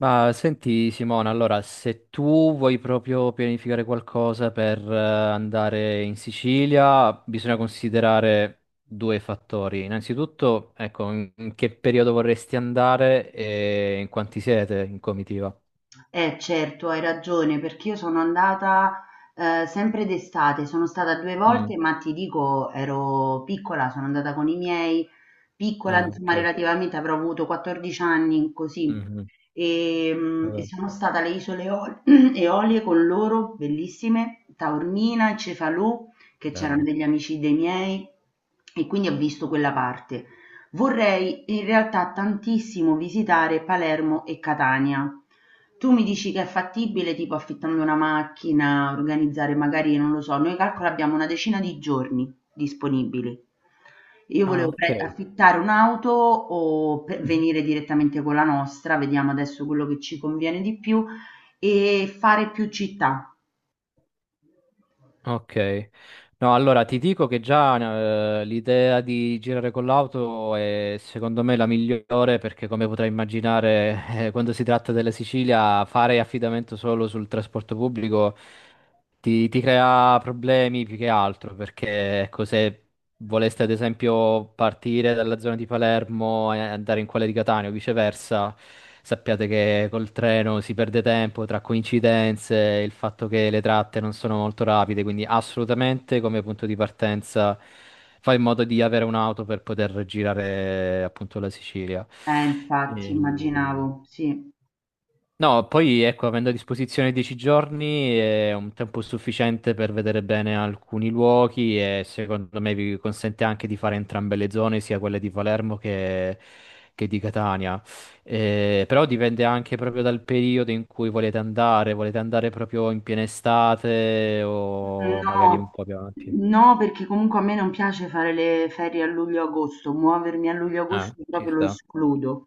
Ma senti Simona, allora se tu vuoi proprio pianificare qualcosa per andare in Sicilia, bisogna considerare due fattori. Innanzitutto, ecco, in che periodo vorresti andare e in quanti siete in comitiva? Eh certo, hai ragione, perché io sono andata sempre d'estate, sono stata due Mm. volte, ma ti dico, ero piccola, sono andata con i miei, piccola, Ah, insomma, ok. relativamente avrò avuto 14 anni, così, Mhm. e Vabbè, sono stata alle isole Eol Eolie con loro, bellissime, Taormina, Cefalù, che c'erano bello. degli amici dei miei e quindi ho visto quella parte. Vorrei in realtà tantissimo visitare Palermo e Catania. Tu mi dici che è fattibile, tipo affittando una macchina, organizzare magari, non lo so, noi calcola abbiamo una decina di giorni disponibili. Io Ah, volevo ok. affittare un'auto o Mhm. venire direttamente con la nostra, vediamo adesso quello che ci conviene di più e fare più città. Ok, no, allora ti dico che già l'idea di girare con l'auto è secondo me la migliore perché come potrai immaginare quando si tratta della Sicilia fare affidamento solo sul trasporto pubblico ti crea problemi più che altro perché ecco, se voleste ad esempio partire dalla zona di Palermo e andare in quella di Catania o viceversa, sappiate che col treno si perde tempo tra coincidenze, il fatto che le tratte non sono molto rapide, quindi assolutamente come punto di partenza fai in modo di avere un'auto per poter girare appunto la Sicilia. Infatti, Ehm, immaginavo, sì. No, poi ecco, avendo a disposizione 10 giorni è un tempo sufficiente per vedere bene alcuni luoghi e secondo me vi consente anche di fare entrambe le zone, sia quelle di Palermo che di Catania. Però dipende anche proprio dal periodo in cui volete andare proprio in piena estate o magari un No, po' più avanti. no, perché comunque a me non piace fare le ferie a luglio-agosto, muovermi a Ah, luglio-agosto ci proprio lo sta. escludo.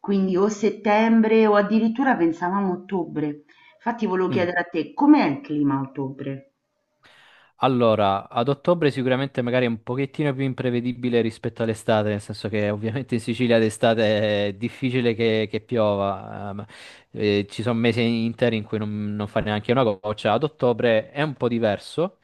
Quindi o settembre o addirittura pensavamo ottobre. Infatti volevo Mm. chiedere a te, com'è il clima a ottobre? Allora, ad ottobre sicuramente magari è un pochettino più imprevedibile rispetto all'estate, nel senso che ovviamente in Sicilia d'estate è difficile che piova, ci sono mesi interi in cui non fa neanche una goccia, ad ottobre è un po' diverso,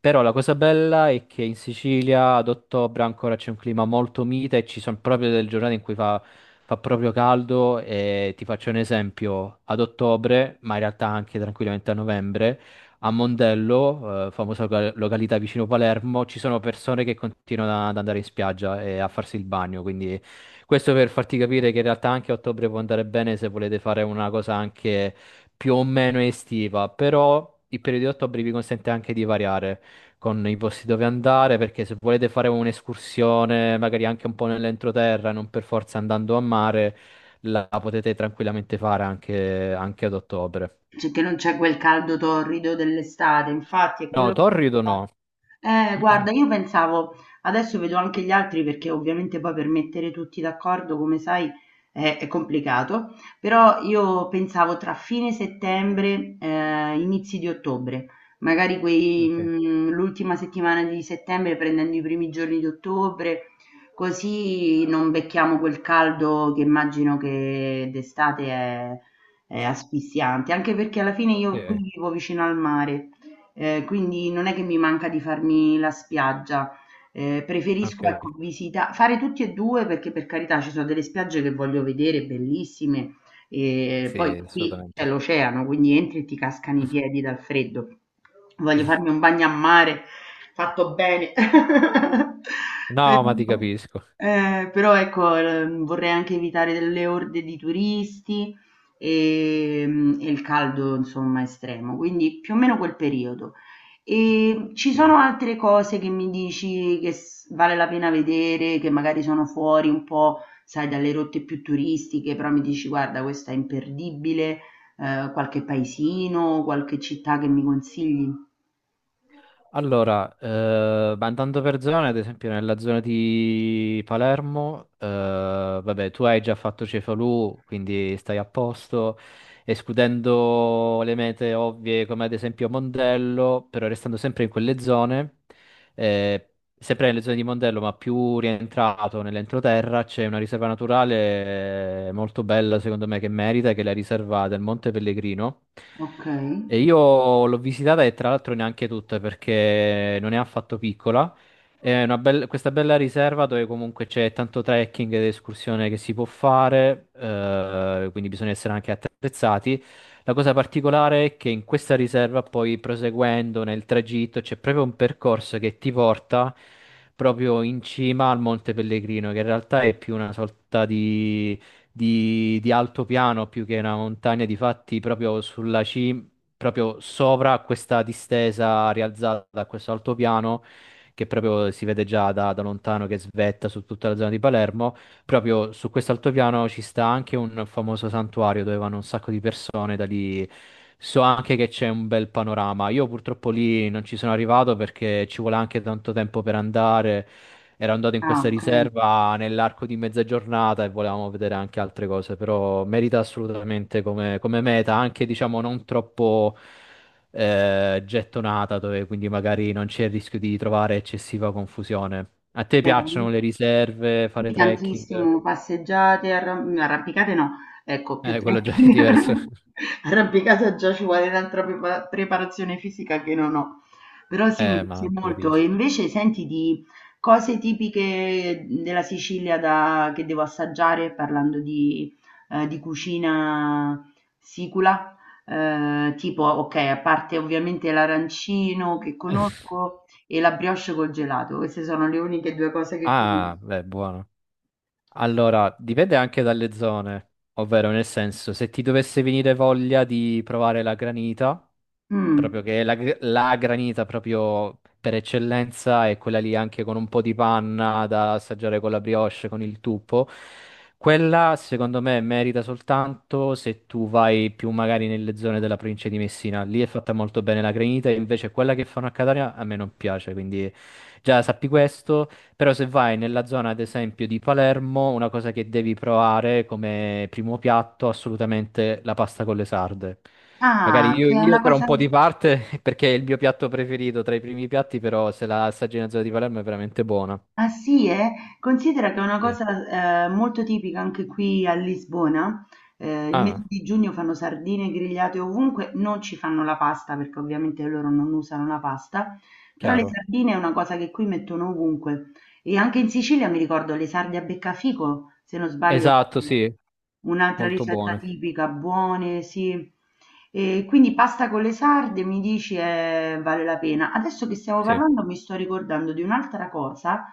però la cosa bella è che in Sicilia ad ottobre ancora c'è un clima molto mite e ci sono proprio delle giornate in cui fa, fa proprio caldo e ti faccio un esempio, ad ottobre, ma in realtà anche tranquillamente a novembre. A Mondello, famosa località vicino Palermo, ci sono persone che continuano ad andare in spiaggia e a farsi il bagno, quindi questo per farti capire che in realtà anche a ottobre può andare bene se volete fare una cosa anche più o meno estiva, però il periodo di ottobre vi consente anche di variare con i posti dove andare, perché se volete fare un'escursione, magari anche un po' nell'entroterra, non per forza andando a mare, la potete tranquillamente fare anche ad ottobre. Cioè, che non c'è quel caldo torrido dell'estate, infatti, è quello No, che torrido no. pensavo. Guarda, io pensavo, adesso vedo anche gli altri perché ovviamente poi per mettere tutti d'accordo, come sai, è complicato, però io pensavo tra fine settembre, inizi di ottobre, magari Ok. L'ultima settimana di settembre prendendo i primi giorni di ottobre, così non becchiamo quel caldo che immagino che d'estate è asfissiante, anche perché alla fine Sì, io qui vivo vicino al mare. Quindi non è che mi manca di farmi la spiaggia. Preferisco, ok, ecco, visita fare tutti e 2 perché, per carità, ci sono delle spiagge che voglio vedere bellissime, poi sì, qui c'è assolutamente. l'oceano, quindi entri e ti cascano i piedi dal freddo. Voglio farmi un bagno a mare fatto bene. No, ma ti Però, capisco. però ecco, vorrei anche evitare delle orde di turisti, e il caldo insomma estremo, quindi più o meno quel periodo. E ci Sì. sono altre cose che mi dici che vale la pena vedere, che magari sono fuori un po', sai, dalle rotte più turistiche, però mi dici guarda, questa è imperdibile, qualche paesino, qualche città che mi consigli? Allora, ma andando per zone, ad esempio nella zona di Palermo, vabbè, tu hai già fatto Cefalù, quindi stai a posto, escludendo le mete ovvie come ad esempio Mondello, però restando sempre in quelle zone. Eh, sempre nelle zone di Mondello, ma più rientrato nell'entroterra, c'è una riserva naturale molto bella, secondo me, che merita, che è la riserva del Monte Pellegrino. Ok, E io l'ho visitata e tra l'altro neanche tutta perché non è affatto piccola. Questa bella riserva dove comunque c'è tanto trekking ed escursione che si può fare, quindi bisogna essere anche attrezzati. La cosa particolare è che in questa riserva, poi proseguendo nel tragitto, c'è proprio un percorso che ti porta proprio in cima al Monte Pellegrino, che in realtà è più una sorta di, di altopiano più che una montagna, di fatti proprio sulla cima, proprio sopra questa distesa rialzata da questo altopiano che proprio si vede già da lontano che svetta su tutta la zona di Palermo. Proprio su questo altopiano ci sta anche un famoso santuario dove vanno un sacco di persone, da lì so anche che c'è un bel panorama. Io purtroppo lì non ci sono arrivato perché ci vuole anche tanto tempo per andare. Ero andato in ah, questa ok, riserva nell'arco di mezza giornata e volevamo vedere anche altre cose, però merita assolutamente come, come meta, anche diciamo non troppo gettonata, dove quindi magari non c'è il rischio di trovare eccessiva confusione. A te piacciono le bene. riserve, fare Sì, trekking? tantissimo, passeggiate, no, arrampicate no, ecco, più Quello già è tecnica. diverso. Arrampicata già ci vuole un'altra preparazione fisica che non ho. Però sì, mi piace ma ti molto. E capisco. invece senti di cose tipiche della Sicilia che devo assaggiare, parlando di, di cucina sicula, tipo, ok, a parte ovviamente l'arancino che conosco e la brioche col gelato, queste sono le uniche due cose che conosco. Ah, beh, buono. Allora, dipende anche dalle zone, ovvero nel senso, se ti dovesse venire voglia di provare la granita, Mh. proprio che la, gr- la granita proprio per eccellenza è quella lì anche con un po' di panna da assaggiare con la brioche, con il tuppo, quella secondo me merita soltanto se tu vai più magari nelle zone della provincia di Messina, lì è fatta molto bene la granita, invece quella che fanno a Catania a me non piace, quindi già sappi questo. Però se vai nella zona, ad esempio, di Palermo, una cosa che devi provare come primo piatto, assolutamente la pasta con le sarde. Magari Ah, io, che è una io tra un cosa. po' di parte, perché è il mio piatto preferito tra i primi piatti, però se la assaggi nella zona di Palermo è veramente buona. Ah sì, eh? Considera che è una Sì. cosa molto tipica anche qui a Lisbona. Il mese Ah, di giugno fanno sardine grigliate ovunque, non ci fanno la pasta perché ovviamente loro non usano la pasta, però le chiaro. sardine è una cosa che qui mettono ovunque. E anche in Sicilia mi ricordo le sarde a beccafico, se non sbaglio, Esatto, è sì, un'altra molto ricetta buona. tipica, buone, sì. E quindi pasta con le sarde mi dici vale la pena. Adesso che stiamo Sì. parlando mi sto ricordando di un'altra cosa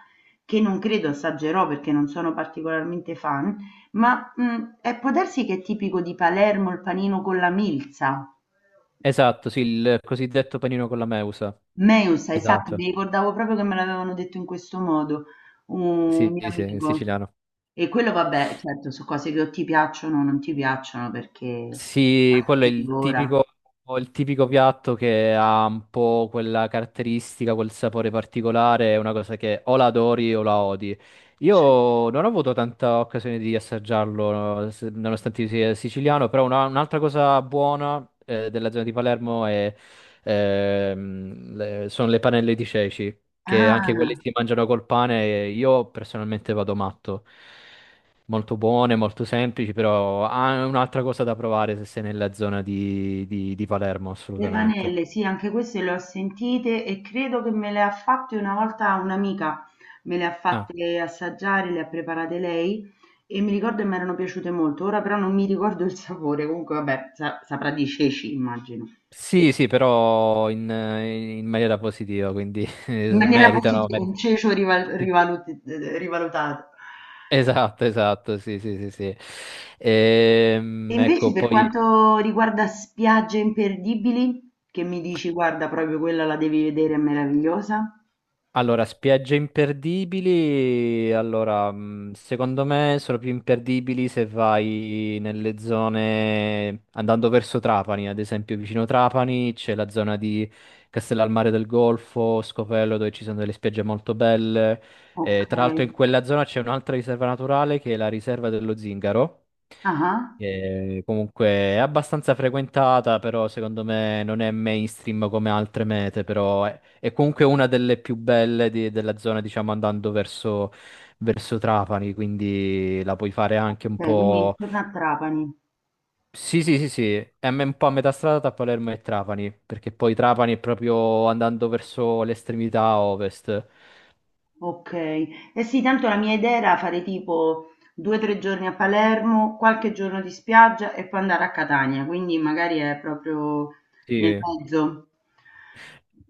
che non credo assaggerò perché non sono particolarmente fan, ma può darsi che è tipico di Palermo il panino con la milza. Esatto, sì, il cosiddetto panino con la meusa. Meusa, esatto, Esatto. mi ricordavo proprio che me l'avevano detto in questo modo, un Sì, mio sì, sì, in amico. siciliano. E quello vabbè, certo, su cose che o ti piacciono o non ti piacciono perché Sì, quello è sai di ora. Il tipico piatto che ha un po' quella caratteristica, quel sapore particolare, è una cosa che o la adori o la odi. Cioè, Io non ho avuto tanta occasione di assaggiarlo, no, nonostante io sia siciliano, però un'altra cosa buona della zona di Palermo è, sono le panelle di ceci, che anche quelle ah. si mangiano col pane, e io personalmente vado matto molto buone, molto semplici, però ah, è un'altra cosa da provare se sei nella zona di, di Palermo, Le assolutamente. panelle, sì, anche queste le ho sentite e credo che me le ha fatte una volta un'amica, me le ha Ah, fatte assaggiare, le ha preparate lei e mi ricordo che mi erano piaciute molto, ora però non mi ricordo il sapore, comunque vabbè, saprà di ceci, immagino. sì, sì, però in maniera positiva, quindi In maniera meritano, positiva, un meritano. cecio rivalutato. Esatto, esatto, sì, sì, sì, sì. E invece Ecco, per poi quanto riguarda spiagge imperdibili, che mi dici, guarda, proprio quella la devi vedere, è meravigliosa. Allora, spiagge imperdibili, allora, secondo me sono più imperdibili se vai nelle zone, andando verso Trapani, ad esempio vicino Trapani c'è la zona di Castellalmare del Golfo, Scopello, dove ci sono delle spiagge molto belle. Ok. Tra l'altro in quella zona c'è un'altra riserva naturale che è la riserva dello Zingaro, Ah. che comunque è abbastanza frequentata, però secondo me non è mainstream come altre mete, però è comunque una delle più belle della zona, diciamo, andando verso, verso Trapani, quindi la puoi fare anche un Okay, quindi po'... intorno a Trapani. Sì, sì, sì, sì, un po' a metà strada tra Palermo e Trapani, perché poi Trapani è proprio andando verso l'estremità ovest. Okay. Eh sì, tanto la mia idea era fare tipo 2, 3 giorni a Palermo, qualche giorno di spiaggia e poi andare a Catania, quindi magari è proprio Sì, nel eh, mezzo.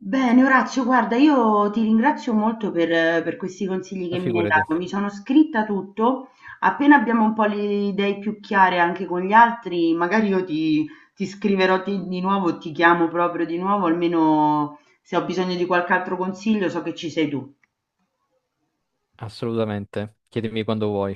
Bene Orazio, guarda, io ti ringrazio molto per questi consigli che mi hai figurati, dato. Mi sono scritta tutto. Appena abbiamo un po' le idee più chiare anche con gli altri, magari io ti scriverò di nuovo, ti chiamo proprio di nuovo, almeno se ho bisogno di qualche altro consiglio so che ci sei tu. assolutamente. Chiedimi quando vuoi.